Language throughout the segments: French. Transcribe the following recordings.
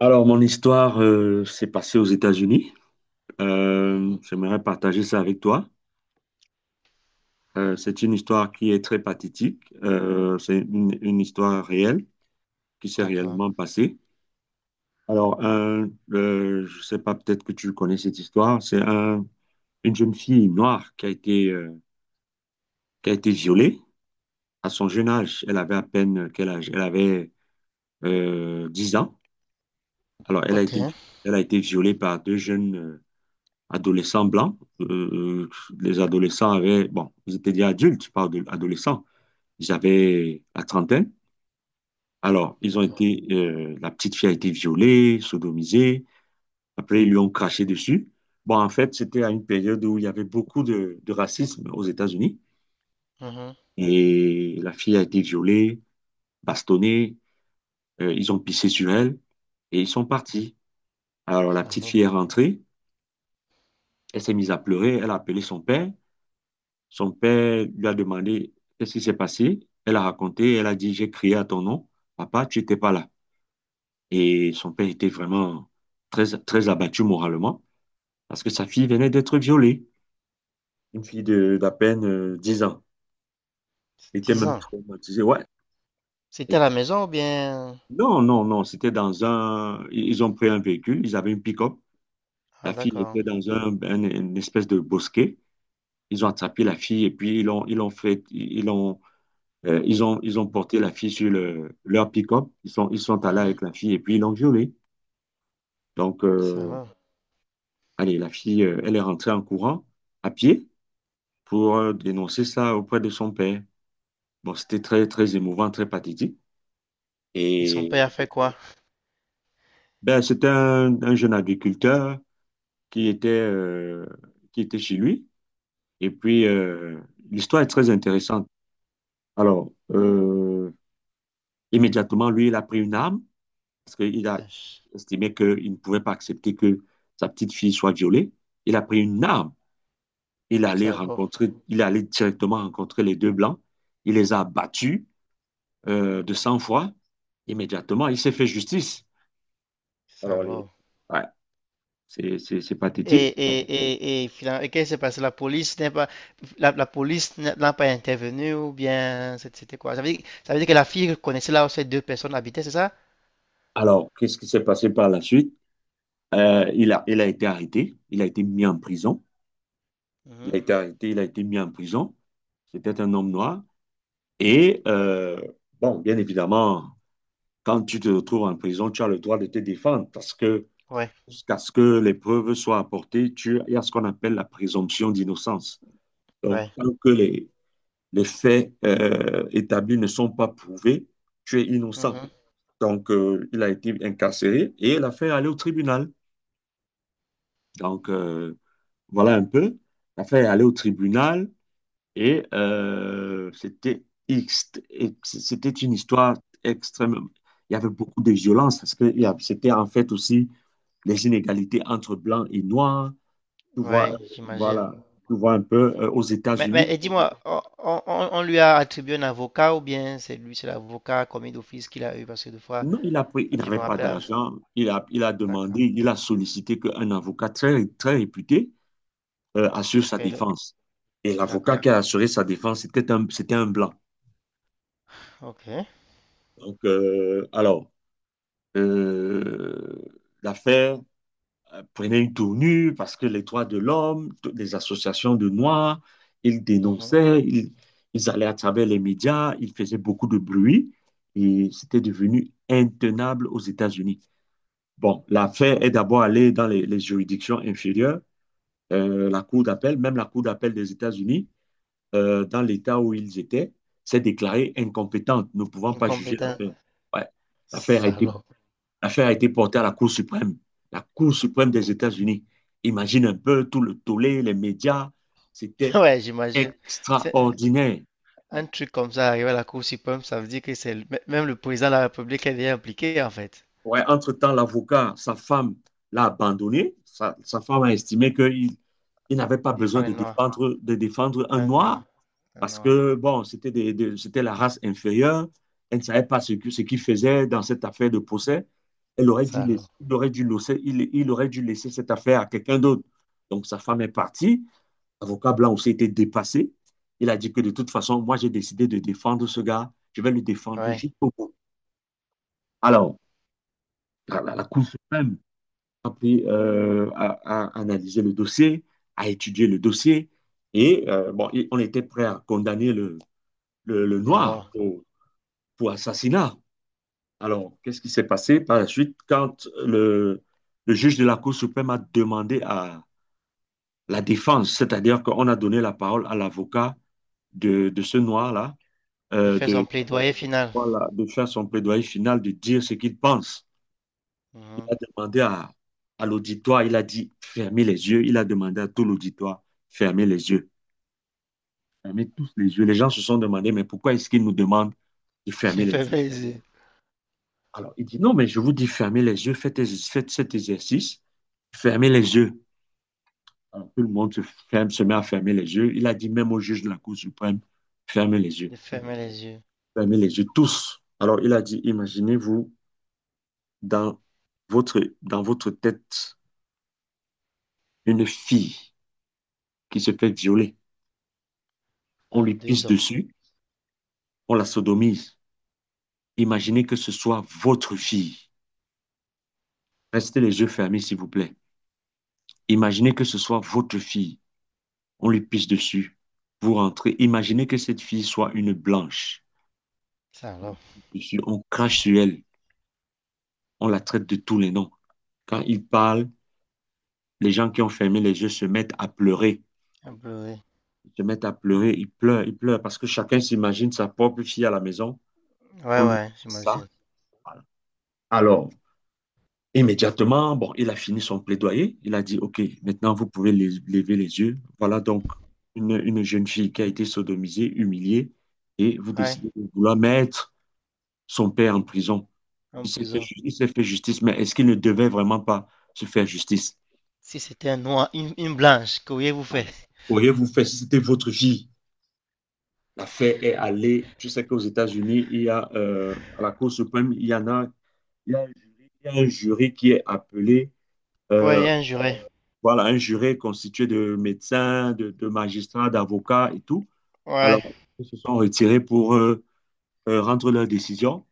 Alors, mon histoire s'est passée aux États-Unis. Mhm. J'aimerais partager ça avec toi. C'est une histoire qui est très pathétique. C'est une histoire réelle qui s'est D'accord. réellement passée. Alors, je ne sais pas, peut-être que tu connais cette histoire. Une jeune fille noire qui a été violée à son jeune âge. Elle avait à peine quel âge? Elle avait 10 ans. Alors, Ok. Elle a été violée par deux jeunes, adolescents blancs. Les adolescents avaient, bon, ils étaient déjà adultes, pas d'adolescents, ils avaient la trentaine. Alors, D'accord. La petite fille a été violée, sodomisée. Après, ils lui ont craché dessus. Bon, en fait, c'était à une période où il y avait beaucoup de racisme aux États-Unis. Mhm. Et la fille a été violée, bastonnée. Ils ont pissé sur elle et ils sont partis. Alors, la petite Salaud. fille est rentrée. Elle s'est mise à pleurer. Elle a appelé son père. Son père lui a demandé qu'est-ce qui s'est passé. Elle a raconté, elle a dit, j'ai crié à ton nom, papa, tu n'étais pas là. Et son père était vraiment très, très abattu moralement parce que sa fille venait d'être violée. Une fille d'à peine 10 ans. Elle était Dix même ans. traumatisée, ouais. Et- C'était à la maison ou bien... non, non, non, c'était dans un... Ils ont pris un véhicule, ils avaient une pick-up. Ah, La fille d'accord. était dans une espèce de bosquet. Ils ont attrapé la fille et puis ils l'ont... ils ont porté la fille sur leur pick-up. Ils sont allés Mhm. avec la fille et puis ils l'ont violée. Donc, euh, Salaud. Allez, la fille, elle est rentrée en courant à pied pour dénoncer ça auprès de son père. Bon, c'était très, très émouvant, très pathétique. Et son Et père a fait quoi? ben, c'était un jeune agriculteur qui qui était chez lui. Et puis, l'histoire est très intéressante. Alors, euh, Immédiatement, lui, il a pris une arme, parce qu'il a Ach, estimé qu'il ne pouvait pas accepter que sa petite fille soit violée. Il a pris une arme. Salaud. Il allait directement rencontrer les deux blancs. Il les a battus de sang-froid. Immédiatement, il s'est fait justice. Alors, les... Salaud. ouais, c'est Et, pathétique. et, et finalement, et qu'est-ce qui s'est passé? La police n'est pas, la police n'a pas intervenu ou bien c'est- c'était quoi? Ça veut dire que la fille connaissait là où ces deux personnes habitaient, c'est ça? Alors, qu'est-ce qui s'est passé par la suite? Il a été arrêté. Il a été mis en prison. Il Mhm. a été arrêté. Il a été mis en prison. C'était un homme noir. Et, bon, bien évidemment, quand tu te retrouves en prison, tu as le droit de te défendre, parce que Ouais, jusqu'à ce que les preuves soient apportées, il y a ce qu'on appelle la présomption d'innocence. Donc, ouais. tant que les faits établis ne sont pas prouvés, tu es innocent. Mhm. Donc, il a été incarcéré et l'affaire est allée au tribunal. Donc, euh, voilà un peu. L'affaire est allée au tribunal et c'était c'était une histoire extrêmement. Il y avait beaucoup de violence parce que c'était en fait aussi les inégalités entre blancs et noirs. Tu vois, euh, Ouais, j'imagine. voilà, tu vois un peu aux Mais États-Unis. et Mhm, dis-moi, on- lui a attribué un avocat ou bien c'est lui, c'est l'avocat commis d'office qu'il a eu parce que des fois, Non, il je me n'avait pas rappelle. Ah, d'argent. Il a d'accord. demandé, il a sollicité qu'un avocat très, très réputé assure Ok, sa le- défense. Et l'avocat d'accord. qui a assuré sa défense, c'était un blanc. Ok. Donc, euh, alors, euh, L'affaire prenaient une tournure, parce que les droits de l'homme, toutes les associations de Noirs, ils Mhm. dénonçaient, ils, ils allaient à travers les médias, ils faisaient beaucoup de bruit et c'était devenu intenable aux États-Unis. Bon, l'affaire est d'abord allée dans les juridictions inférieures, la Cour d'appel, même la Cour d'appel des États-Unis, dans l'État où ils étaient, s'est déclarée incompétente, ne pouvant pas juger Incompétent. l'affaire. Ouais. L'affaire a été Salaud. L'affaire a été portée à la Cour suprême des États-Unis. Imagine un peu tout le tollé, les médias. C'était Ouais, j'imagine. C'est extraordinaire. un truc comme ça arrivé à la Cour suprême, ça veut dire que c'est le- mê- même le président de la République est déjà impliqué en fait. Ouais, entre-temps, l'avocat, sa femme l'a abandonné. Sa femme a estimé qu'il il n'avait pas Il défend besoin les Noirs. De défendre un Un noir Noir, un parce Noir. que, bon, c'était c'était la race inférieure. Elle ne savait pas ce qu'il faisait dans cette affaire de procès. Elle aurait dû laisser, Salaud. Il aurait dû laisser, il aurait dû laisser cette affaire à quelqu'un d'autre. Donc, sa femme est partie. Avocat blanc aussi était dépassé. Il a dit que de toute façon, moi, j'ai décidé de défendre ce gars. Je vais le défendre Ouais, jusqu'au bout. Alors, la Cour suprême a analysé le dossier, a étudié le dossier. Et bon, on était prêt à condamner le le noir Noir. pour assassinat. Alors, qu'est-ce qui s'est passé par la suite quand le juge de la Cour suprême a demandé à la défense, c'est-à-dire qu'on a donné la parole à l'avocat ce noir-là, De euh, faire son de, plaidoyer final. voilà, de faire son plaidoyer final, de dire ce qu'il pense. Il Mhm. a demandé à l'auditoire, il a dit fermez les yeux, il a demandé à tout l'auditoire, fermez les yeux, fermez tous les yeux. Les gens se sont demandé, mais pourquoi est-ce qu'il nous demande de fermer De les fermer yeux? les yeux. Alors, il dit, non, mais je vous dis fermez les yeux, faites cet exercice, fermez les yeux. Alors, tout le monde se, ferme, se met à fermer les yeux. Il a dit même au juge de la Cour suprême, fermez les yeux, De fermer les yeux. fermez les yeux tous. Alors, il a dit, imaginez-vous dans dans votre tête une fille qui se fait violer, on Par lui pisse 2 hommes. dessus, on la sodomise. Imaginez que ce soit votre fille. Restez les yeux fermés, s'il vous plaît. Imaginez que ce soit votre fille. On lui pisse dessus. Vous rentrez. Imaginez que cette fille soit une blanche. Ça alors, Dessus, on crache sur elle. On la traite de tous les noms. Quand ils parlent, les gens qui ont fermé les yeux se mettent à pleurer. un bleu, oui. Ils se mettent à pleurer. Ils pleurent parce que chacun s'imagine sa propre fille à la maison. On Ouais, lui dit ouais, ça. j'imagine. Voilà. Alors, immédiatement, bon, il a fini son plaidoyer. Il a dit, OK, maintenant vous pouvez lever les yeux. Voilà donc une jeune fille qui a été sodomisée, humiliée, et vous Ouais, décidez de vouloir mettre son père en prison. en prison. Il s'est fait justice, mais est-ce qu'il ne devait vraiment pas se faire justice? Si c'était un noir, une blanche, qu'auriez-vous Voilà. fait? Auriez-vous fait si c'était votre fille? L'affaire est allée. Tu sais qu'aux États-Unis, il y a à la Cour suprême, il y a un jury, il y a un jury qui est appelé Ouais, il euh, y a un juré. voilà, un jury constitué de médecins, de magistrats, d'avocats et tout. Alors, Ouais. ils se sont retirés pour rendre leur décision.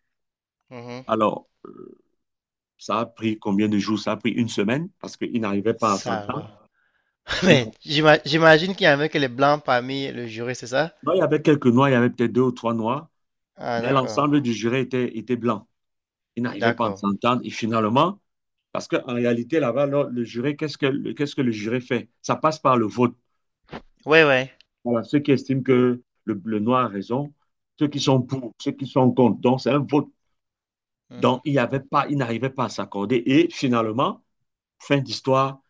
Mhm. Alors, ça a pris combien de jours? Ça a pris une semaine parce qu'ils n'arrivaient pas à Ça s'entendre. alors. Ils Mais n'arrivaient- j'ima- j'imagine qu'il y avait que les blancs parmi le jury, c'est ça? Non, il y avait quelques noirs, il y avait peut-être deux ou trois noirs, Ah, mais d'accord. l'ensemble du jury était blanc. Ils n'arrivaient pas à D'accord. s'entendre. Et finalement, parce qu'en réalité, là-bas, le jury, qu'est-ce que le jury fait? Ça passe par le vote. Ouais, ouais. Voilà, ceux qui estiment que le noir a raison, ceux qui sont pour, ceux qui sont contre. Donc, c'est un vote. Donc, Mhm. Il n'arrivait pas à s'accorder. Et finalement, fin d'histoire,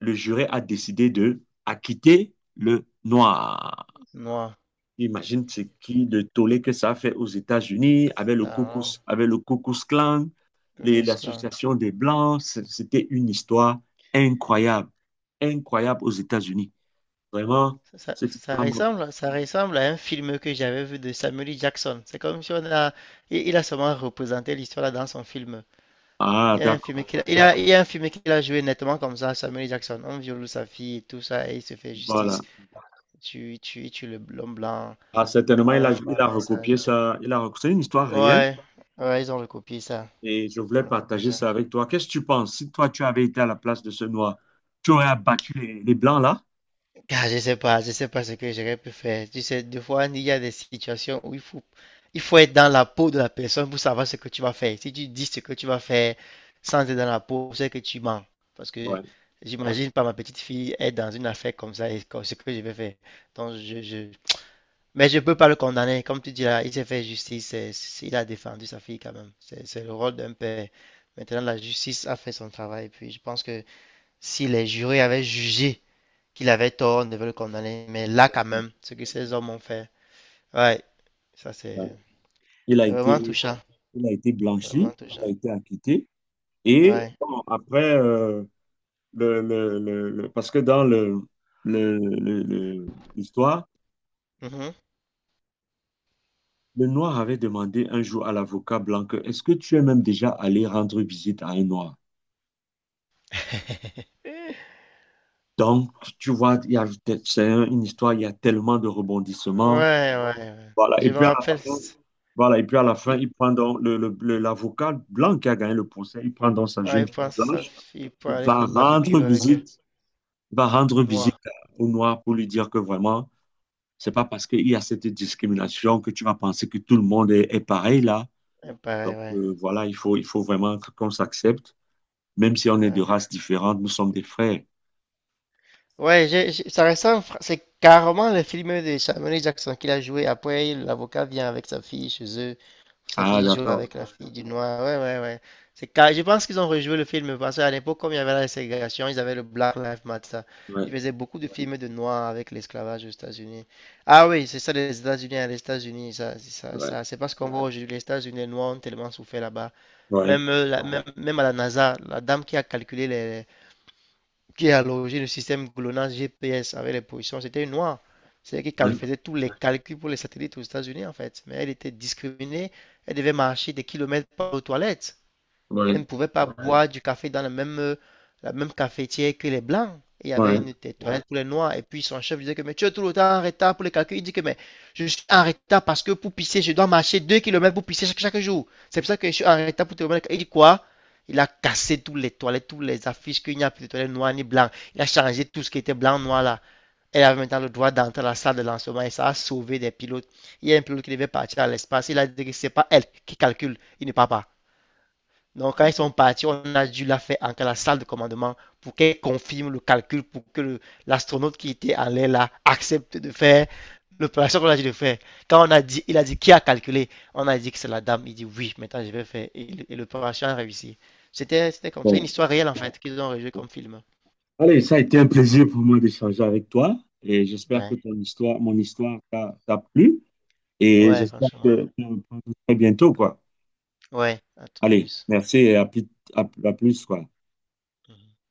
le jury a décidé de acquitter le noir. Noir. Imagine ce qui le tollé que ça a fait aux États-Unis avec Ça alors. Avec le Ku Klux Klan, Ku Klux Klan. l'association des Blancs. C'était une histoire incroyable, incroyable aux États-Unis. Vraiment, cette histoire. Ça ressemble à un film que j'avais vu de Samuel L. Jackson. C'est comme si on a, il a seulement représenté l'histoire là dans son film. Ah, Il y a un d'accord. film qu'il a, il a- Il y a un film qu'il a joué nettement comme ça, Samuel Jackson. On viole sa fille et tout ça, et il se fait Voilà. justice. Tu le l'homme blanc. Ah, certainement, il On a met ça. recopié ça. C'est une histoire réelle Ouais, ouais, ils ont recopié ça. et je voulais Ils ont recopié partager ça. ça avec toi. Qu'est-ce que tu penses? Si toi, tu avais été à la place de ce noir, tu aurais abattu les blancs là? Ah, je sais pas ce que j'aurais pu faire. Tu sais, des fois, il y a des situations où il faut être dans la peau de la personne pour savoir ce que tu vas faire. Si tu dis ce que tu vas faire sans être dans la peau, c'est que tu mens. Parce que Ouais. j'imagine pas ma petite fille être dans une affaire comme ça et comme ce que je vais faire. Donc, je, je... Mais je peux pas le condamner. Comme tu dis là, il s'est fait justice. C'est- c'est- il a défendu sa fille quand même. C'est le rôle d'un père. Maintenant, la justice a fait son travail. Puis, je pense que si les jurés avaient jugé, qu'il avait tort, ne veulent condamner. Mais là, quand même, ce que ces hommes ont fait, ouais, ça c'est Ouais. Il a c'est vraiment été, touchant. il a été C'est vraiment blanchi, il a touchant. été acquitté. Et Ouais. bon, après, parce que dans l'histoire, Mhm. le noir avait demandé un jour à l'avocat blanc que, est-ce que tu es même déjà allé rendre visite à un noir? Donc, tu vois, c'est une histoire, il y a tellement de rebondissements. Ouais. Voilà. Et Je me puis à la rappelle, fin, c- voilà. Et puis à la fin, il, il prend donc l'avocat blanc qui a gagné le procès, il prend donc sa ouais, jeune il fille pense à sa blanche, fille pour il aller va faire rendre barbecue avec elle, visite, il va au rendre visite noir. au noir pour lui dire que vraiment, c'est pas parce qu'il y a cette discrimination que tu vas penser que tout le monde est pareil là. Ouais, pareil, ouais. Voilà, il faut vraiment qu'on s'accepte, même si on est de Ouais. races différentes, nous sommes des frères. Ouais, j'ai- ça ressemble, fr- c'est carrément le film de Samuel Jackson qu'il a joué. Après, l'avocat vient avec sa fille chez eux. Sa Ah, fille joue d'accord. avec la fille du noir. Ouais. C'est car... Je pense qu'ils ont rejoué le film parce qu'à l'époque, comme il y avait la ségrégation, ils avaient le Black Lives Matter. Ouais, Ils faisaient beaucoup de films de noirs avec l'esclavage aux États-Unis. Ah oui, c'est ça, les États-Unis, hein, les États-Unis, ça, c'est ça, ouais, ça- c'est parce qu'on voit aujourd'hui les États-Unis, les noirs ont tellement souffert là-bas. ouais, Même, la- même, même à la NASA, la dame qui a calculé les qui a logé le système GLONASS GPS avec les positions, c'était une noire. C'est-à-dire qu'elle ouais, faisait tous les calculs pour les satellites aux États-Unis, en fait. Mais elle était discriminée. Elle devait marcher des kilomètres par aux toilettes. Elle ouais. ne pouvait pas ouais, boire du café dans la même cafetière que les blancs. Il y avait Ouais, une t- ouais, toilette pour les noirs. Et puis son chef disait que mais tu es tout le temps en retard pour les calculs. Il dit que mais je suis en retard parce que pour pisser, je dois marcher 2 kilomètres pour pisser chaque jour. C'est pour ça que je suis en retard pour te remettre. Il dit quoi? Il a cassé toutes les toilettes, toutes les affiches qu'il n'y a plus de toilettes noires ni blancs. Il a changé tout ce qui était blanc, noir là. Elle avait maintenant le droit d'entrer à la salle de lancement et ça a sauvé des pilotes. Il y a un pilote qui devait partir à l'espace. Il a dit que c'est pas elle qui calcule. Il ne part pas. Donc, quand ils sont partis, on a dû la faire entrer à la salle de commandement pour qu'elle confirme le calcul, pour que l'astronaute qui était en l'air là accepte de faire l'opération qu'on a dit de faire. Quand on a dit, il a dit qui a calculé, on a dit que c'est la dame. Il dit oui, maintenant je vais faire. Et l'opération a réussi. C'était comme ça, une bon. histoire réelle en fait qu'ils ont rejoué comme film. Allez, ça a été un plaisir pour moi d'échanger avec toi et j'espère que Ouais, ton histoire, mon histoire t'a plu et ouais, j'espère franchement. Que très bientôt, quoi. Ouais, un truc Allez, plus. merci et à plus, à plus, quoi. Mhm.